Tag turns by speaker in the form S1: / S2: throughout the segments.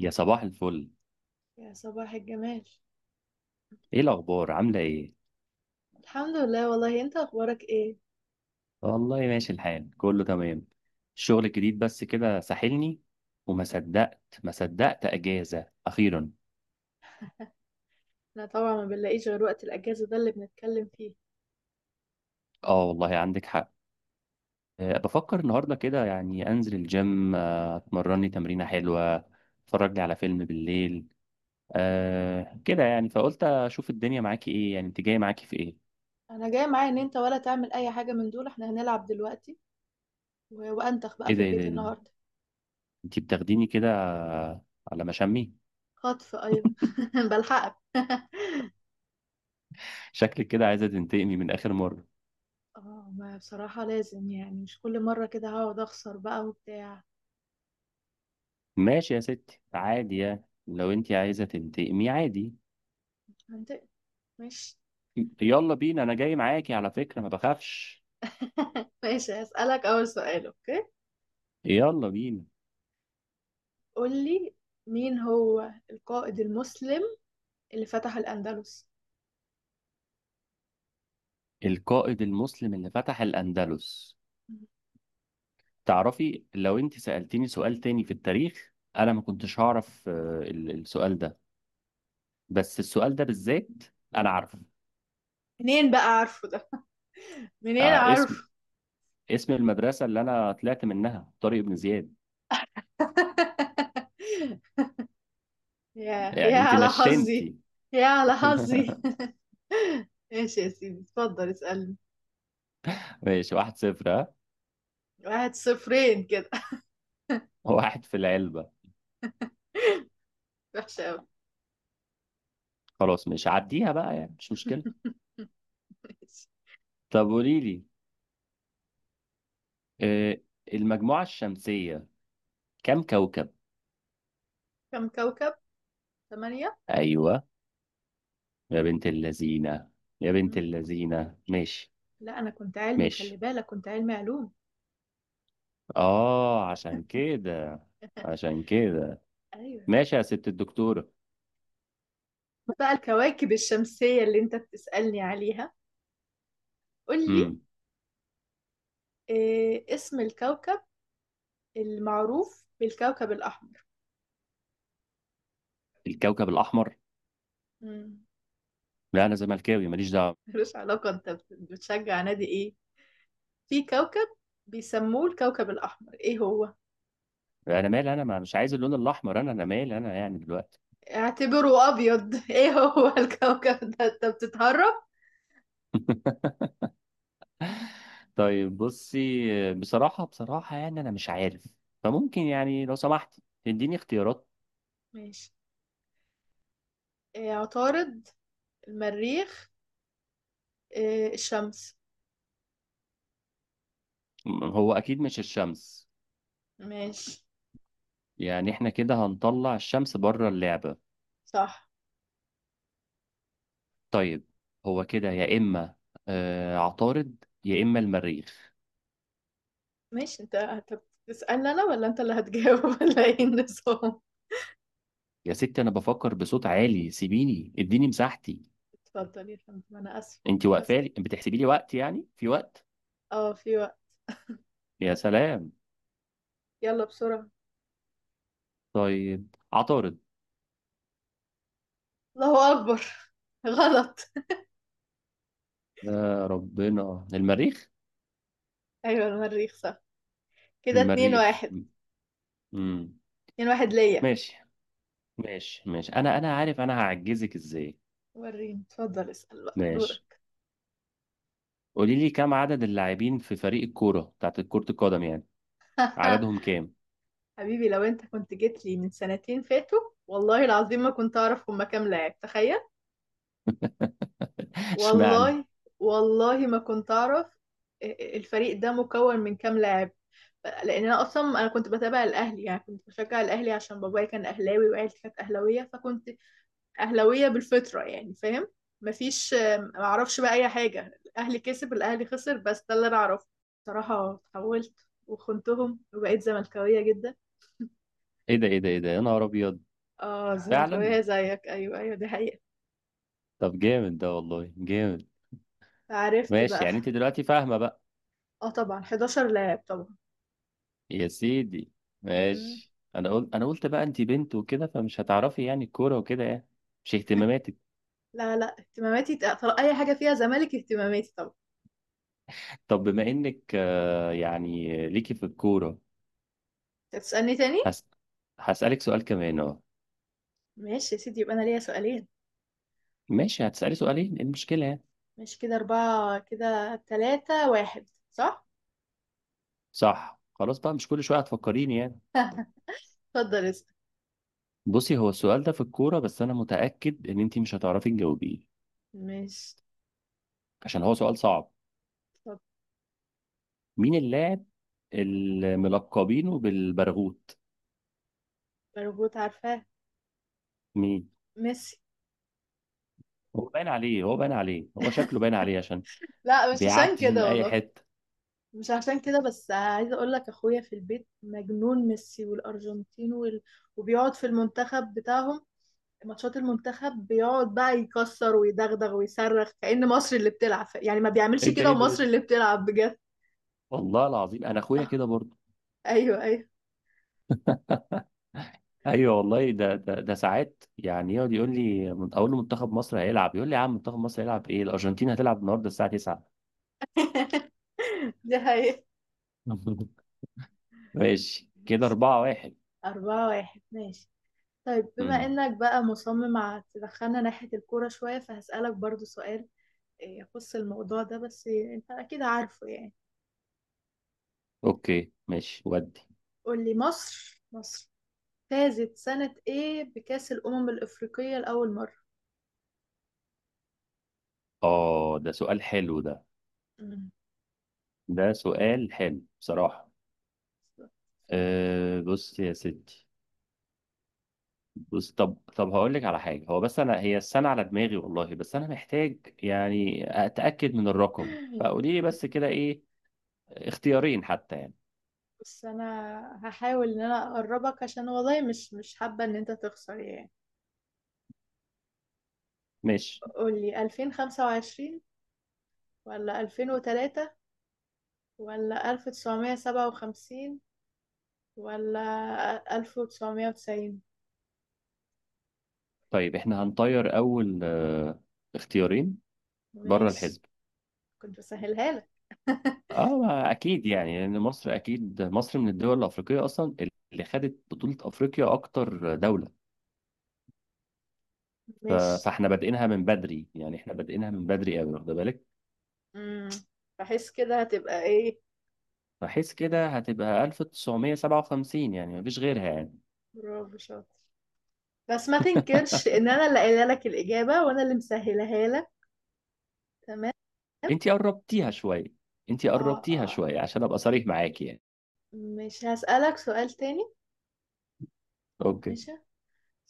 S1: يا صباح الفل،
S2: يا صباح الجمال.
S1: ايه الاخبار؟ عامله ايه؟
S2: الحمد لله، والله انت اخبارك ايه؟
S1: والله ماشي الحال، كله تمام. الشغل الجديد بس كده ساحلني. وما صدقت ما صدقت اجازه اخيرا.
S2: انا طبعا ما بنلاقيش غير وقت الاجازه ده اللي بنتكلم فيه.
S1: اه، والله عندك حق. بفكر النهارده كده، يعني انزل الجيم، اتمرن لي تمرينه حلوه. اتفرج لي على فيلم بالليل. كده يعني، فقلت اشوف الدنيا معاكي ايه، يعني انت جايه معاكي في ايه؟
S2: انا جاي معايا ان انت ولا تعمل اي حاجه من دول، احنا هنلعب دلوقتي و- وانتخ بقى
S1: ايه
S2: في
S1: ده، ايه ده،
S2: البيت
S1: إيه ده؟
S2: النهارده.
S1: انت بتاخديني كده على مشامي.
S2: خطف، ايوه. بلحقك.
S1: شكلك كده عايزه تنتقمي من اخر مره.
S2: اه، ما بصراحه لازم يعني مش كل مره كده هقعد اخسر بقى وبتاع.
S1: ماشي يا ستي، عادي يعني، لو انت عايزة تنتقمي عادي.
S2: انت مش.
S1: يلا بينا، انا جاي معاكي على فكرة، ما بخافش.
S2: ماشي، هسألك أول سؤال، أوكي؟
S1: يلا بينا.
S2: قول لي، مين هو القائد المسلم اللي فتح الأندلس؟
S1: القائد المسلم اللي فتح الأندلس. تعرفي، لو انت سألتيني سؤال تاني في التاريخ انا ما كنتش هعرف، السؤال ده، بس السؤال ده بالذات انا عارفه.
S2: منين بقى عارفه ده؟ منين
S1: آه، اسم
S2: عارف؟
S1: اسم المدرسة اللي انا طلعت منها طارق بن زياد.
S2: يا
S1: يعني انت
S2: على حظي.
S1: نشنتي.
S2: يا على حظي. ماشي يا سيدي، اتفضل اسألني.
S1: ماشي، واحد صفر، ها.
S2: واحد صفرين كده.
S1: واحد في العلبة.
S2: وحشة أوي.
S1: خلاص، مش عديها بقى، يعني مش مشكلة.
S2: ماشي.
S1: طب قولي لي، آه، المجموعة الشمسية كم كوكب؟
S2: كم كوكب؟ ثمانية؟
S1: أيوة، يا بنت اللذينة، يا بنت
S2: مم.
S1: اللذينة، ماشي.
S2: لا، أنا كنت علمي، خلي
S1: ماشي،
S2: بالك كنت علمي علوم.
S1: آه، عشان كده.
S2: أيوة.
S1: ماشي يا ست الدكتورة.
S2: بقى الكواكب الشمسية اللي أنت بتسألني عليها، قول لي،
S1: امم
S2: إيه اسم الكوكب المعروف بالكوكب الأحمر؟
S1: الكوكب الأحمر.
S2: مم.
S1: لا، أنا زملكاوي ماليش دعوة.
S2: ملوش علاقة، أنت بتشجع نادي إيه؟ في كوكب بيسموه الكوكب الأحمر، ايه هو؟
S1: أنا مالي أنا، مش عايز اللون الأحمر، أنا مالي أنا يعني دلوقتي.
S2: اعتبره أبيض. ايه هو الكوكب ده؟ انت بتتهرب؟
S1: طيب بصي، بصراحة يعني أنا مش عارف. فممكن يعني، لو سمحت تديني اختيارات.
S2: ماشي. إيه، عطارد، المريخ، إيه الشمس.
S1: هو أكيد مش الشمس.
S2: ماشي.
S1: يعني احنا كده هنطلع الشمس بره اللعبة.
S2: صح.
S1: طيب، هو كده، يا إما عطارد يا إما المريخ.
S2: ماشي، انت هتسألني انا ولا انت اللي هتجاوب؟ ولا ايه النظام؟
S1: يا ستي، أنا بفكر بصوت عالي، سيبيني اديني مساحتي.
S2: اتفضل يا فندم، انا اسف،
S1: انت
S2: اسف.
S1: واقفالي بتحسبي لي وقت؟ يعني في وقت؟
S2: اه، في وقت.
S1: يا سلام.
S2: يلا بسرعة.
S1: طيب، عطارد.
S2: الله أكبر. غلط.
S1: يا ربنا، المريخ.
S2: ايوه، المريخ صح. كده اتنين
S1: المريخ.
S2: واحد.
S1: امم
S2: اتنين واحد ليا.
S1: ماشي، ماشي، ماشي، أنا عارف أنا هعجزك إزاي.
S2: وريني، اتفضل اسأل بقى
S1: ماشي.
S2: دورك.
S1: قولي لي، كم عدد اللاعبين في فريق الكورة بتاعت كرة القدم يعني؟ عددهم كام؟
S2: حبيبي، لو انت كنت جيت لي من سنتين فاتوا، والله العظيم ما كنت اعرف هما كام لاعب، تخيل.
S1: اشمعنى؟
S2: والله. والله ما كنت اعرف. الفريق ده مكون من كام لاعب؟ لان انا اصلا كنت بتابع الاهلي، يعني كنت بشجع الاهلي عشان بابايا كان اهلاوي وعيلتي كانت اهلاويه، فكنت اهلاويه بالفطره، يعني فاهم. مفيش، ما اعرفش بقى اي حاجه، الاهلي كسب الاهلي خسر، بس ده اللي انا اعرفه. بصراحه اتحولت وخنتهم وبقيت زملكاويه جدا.
S1: ايه ده، ايه ده، ايه ده، يا نهار ابيض!
S2: اه،
S1: فعلا.
S2: الزمركاوية زيك. ايوه، ايوه، دي حقيقة.
S1: طب جامد ده، والله جامد.
S2: عرفت
S1: ماشي،
S2: بقى.
S1: يعني انت دلوقتي فاهمه بقى.
S2: اه طبعا، 11 لاعب طبعا.
S1: يا سيدي.
S2: مم.
S1: ماشي، انا قلت بقى انت بنت وكده، فمش هتعرفي يعني الكوره وكده يعني. مش اهتماماتك.
S2: لا، لا، اهتماماتي اي حاجة فيها زمالك اهتماماتي طبعا.
S1: طب بما انك، يعني ليكي في الكوره.
S2: انت هتسألني تاني؟
S1: هس... هسألك سؤال كمان، اه.
S2: ماشي يا سيدي، يبقى انا ليا سؤالين.
S1: ماشي، هتسألي سؤالين، إيه المشكله يعني؟
S2: ماشي، كده اربعة، كده تلاتة واحد، صح.
S1: صح، خلاص بقى، مش كل شويه هتفكريني يعني.
S2: اتفضل اسأل.
S1: بصي، هو السؤال ده في الكوره، بس انا متأكد ان انت مش هتعرفي تجاوبيه،
S2: ماشي
S1: عشان هو سؤال صعب.
S2: طب.
S1: مين اللاعب الملقبينه بالبرغوت؟
S2: مربوط، عارفاه.
S1: مين؟
S2: ميسي.
S1: هو باين عليه، هو باين عليه، هو شكله باين عليه عشان
S2: لا، مش عشان
S1: بيعدي من
S2: كده
S1: اي
S2: والله.
S1: حته.
S2: مش عشان كده، بس عايزه اقول لك اخويا في البيت مجنون ميسي والارجنتين وال... وبيقعد في المنتخب بتاعهم، ماتشات المنتخب بيقعد بقى يكسر ويدغدغ ويصرخ كأن مصر اللي بتلعب، يعني ما بيعملش
S1: ايه ده،
S2: كده
S1: ايه ده، إيه
S2: ومصر
S1: ده؟
S2: اللي بتلعب بجد.
S1: والله العظيم، انا اخويا
S2: آه،
S1: كده برضه.
S2: ايوه، ايوه.
S1: ايوه والله، ده ساعات يعني يقعد يقول لي، اقول له منتخب مصر هيلعب يقول لي يا عم، منتخب مصر هيلعب ايه! الارجنتين هتلعب النهارده الساعه 9.
S2: دي حقيقة.
S1: ماشي، كده 4-1.
S2: أربعة واحد، ماشي. طيب، بما
S1: امم
S2: إنك بقى مصمم على تدخلنا ناحية الكورة شوية، فهسألك برضو سؤال يخص الموضوع ده، بس أنت أكيد عارفه يعني.
S1: اوكي، ماشي ودي.
S2: قول لي، مصر فازت سنة إيه بكأس الأمم الأفريقية لأول مرة؟
S1: اه، ده سؤال حلو ده،
S2: مم.
S1: ده سؤال حلو بصراحه. بص يا ستي، بص، طب هقول لك على حاجه، هو بس انا هي السنه على دماغي والله، بس انا محتاج يعني اتاكد من الرقم،
S2: اتفضل.
S1: فقولي لي بس كده ايه، اختيارين حتى يعني.
S2: بس انا هحاول ان انا اقربك، عشان والله مش حابة ان انت تخسر يعني.
S1: ماشي.
S2: قولي 2025 ولا 2003 ولا 1957 ولا 1990؟
S1: طيب احنا هنطير اول اختيارين بره
S2: ماشي،
S1: الحزب.
S2: كنت بسهلها لك.
S1: اه، ما اكيد يعني، لان مصر، اكيد مصر من الدول الافريقيه اصلا، اللي خدت بطوله افريقيا اكتر دوله.
S2: ماشي.
S1: فاحنا بادئينها من بدري، يعني احنا بادئينها من بدري قوي، واخده بالك،
S2: امم بحس كده هتبقى ايه.
S1: بحيث كده هتبقى 1957، يعني مفيش غيرها يعني.
S2: برافو، شاطر. بس ما تنكرش ان انا اللي قايله لك الاجابة وانا اللي مسهلها لك. تمام.
S1: انتي قربتيها شوية، انتي
S2: اه،
S1: قربتيها
S2: اه،
S1: شوية عشان ابقى صريح معاكي يعني.
S2: مش هسألك سؤال تاني؟
S1: اوكي.
S2: ماشي،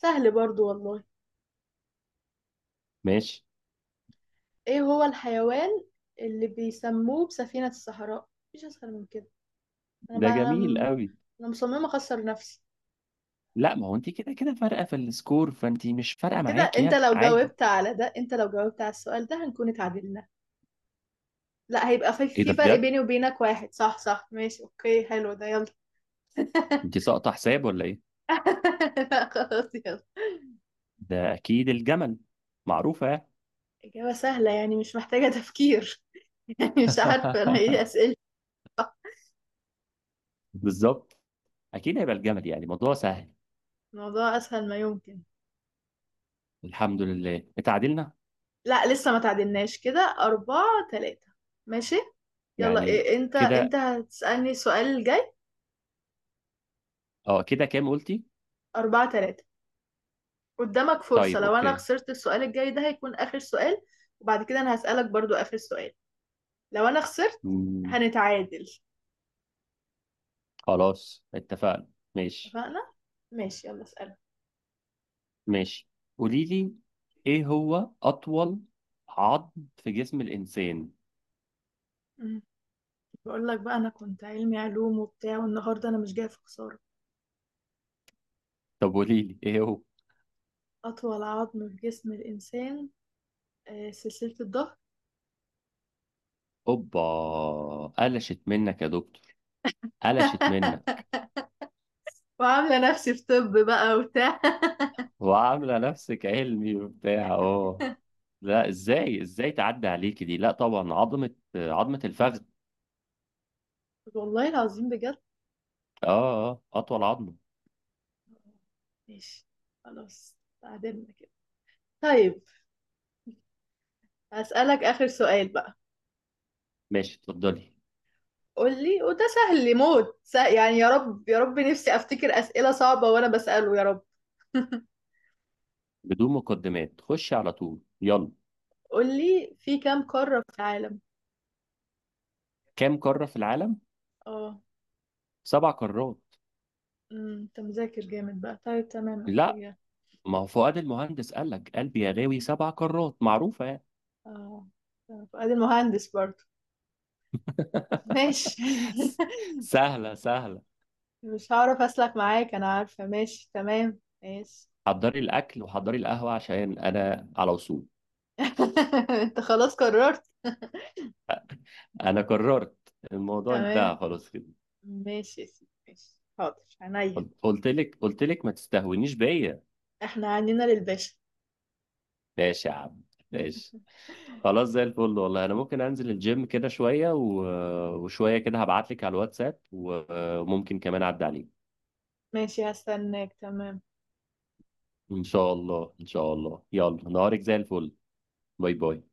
S2: سهل برضو والله.
S1: ماشي.
S2: ايه هو الحيوان اللي بيسموه بسفينة الصحراء؟ مفيش اسهل من كده. انا
S1: ده
S2: بقى انا
S1: جميل
S2: م...
S1: قوي.
S2: انا مصممة اخسر نفسي.
S1: لا، ما هو انتي كده كده فارقة في السكور، فانتي مش فارقة
S2: كده
S1: معاكي يعني، عادي.
S2: انت لو جاوبت على السؤال ده هنكون اتعادلنا. لا، هيبقى في,
S1: ايه ده
S2: في فرق
S1: بجد؟
S2: بيني وبينك واحد، صح، صح. ماشي، اوكي، حلو ده، يلا.
S1: انتي ساقطة حساب ولا ايه؟
S2: لا خلاص، يلا.
S1: ده اكيد الجمل، معروفة يعني.
S2: إجابة سهلة يعني، مش محتاجة تفكير. يعني مش عارفة أنا إيه أسئلة.
S1: بالظبط. اكيد هيبقى الجمل، يعني موضوع سهل.
S2: الموضوع أسهل ما يمكن.
S1: الحمد لله، اتعادلنا.
S2: لا لسه ما تعدلناش، كده أربعة تلاتة. ماشي، يلا.
S1: يعني
S2: إيه انت
S1: كده.
S2: هتسألني السؤال الجاي؟
S1: اه، كده كام قلتي؟
S2: أربعة تلاتة. قدامك فرصة،
S1: طيب.
S2: لو أنا خسرت السؤال الجاي ده هيكون آخر سؤال. وبعد كده أنا هسألك برضو آخر سؤال، لو أنا خسرت
S1: اوكي.
S2: هنتعادل.
S1: خلاص اتفقنا. ماشي.
S2: اتفقنا؟ ماشي، يلا اسألك.
S1: ماشي. قولي لي، ايه هو اطول عظم في جسم الانسان؟
S2: مم. بقول لك بقى، أنا كنت علمي علوم وبتاع، والنهاردة أنا مش جاية في خسارة.
S1: طب قولي لي ايه هو.
S2: أطول عظم في جسم الإنسان، سلسلة الظهر.
S1: اوبا! قلشت منك يا دكتور، قلشت منك.
S2: وعاملة نفسي في طب بقى وبتاع.
S1: وعامله نفسك علمي وبتاع، اه. لا، ازاي، تعدي عليك دي؟ لا طبعا، عظمه، عظمه الفخذ.
S2: والله العظيم بجد.
S1: اه، اه، اطول عظمه.
S2: ماشي، خلاص تعادلنا كده. طيب، هسألك آخر سؤال بقى.
S1: ماشي، اتفضلي.
S2: قول لي، وده سهل لي موت، يعني يا رب يا رب نفسي أفتكر أسئلة صعبة وأنا بسأله، يا رب.
S1: بدون مقدمات، خشي على طول، يلا.
S2: قول لي، في كام قارة في العالم؟
S1: كام قاره في العالم؟
S2: اه.
S1: سبع قارات.
S2: انت مذاكر جامد بقى، طيب تمام،
S1: لا،
S2: اوكي.
S1: ما هو فؤاد المهندس قال لك قلبي يا غاوي سبع كرات، معروفة يعني.
S2: اه، فؤاد المهندس برضه. ماشي.
S1: س- سهلة، سهلة.
S2: مش هعرف أسلك معاك، أنا عارفة، ماشي تمام ماشي.
S1: حضري الأكل وحضري القهوة عشان أنا على وصول.
S2: انت خلاص قررت.
S1: أنا قررت. الموضوع
S2: تمام.
S1: انتهى خلاص كده.
S2: ماشي يا سيدي، ماشي، حاضر عينيا.
S1: قلت لك، قلت لك، ما تستهونيش بيا.
S2: احنا عنينا للباشا.
S1: ماشي يا عم. ماشي. خلاص، زي الفل، والله أنا ممكن أنزل الجيم كده شوية، وشوية كده هبعت لك على الواتساب، وممكن كمان أعدي عليك.
S2: ماشي، هستناك. تمام.
S1: إن شاء الله، إن شاء الله، يلا نهارك زي الفل. باي باي.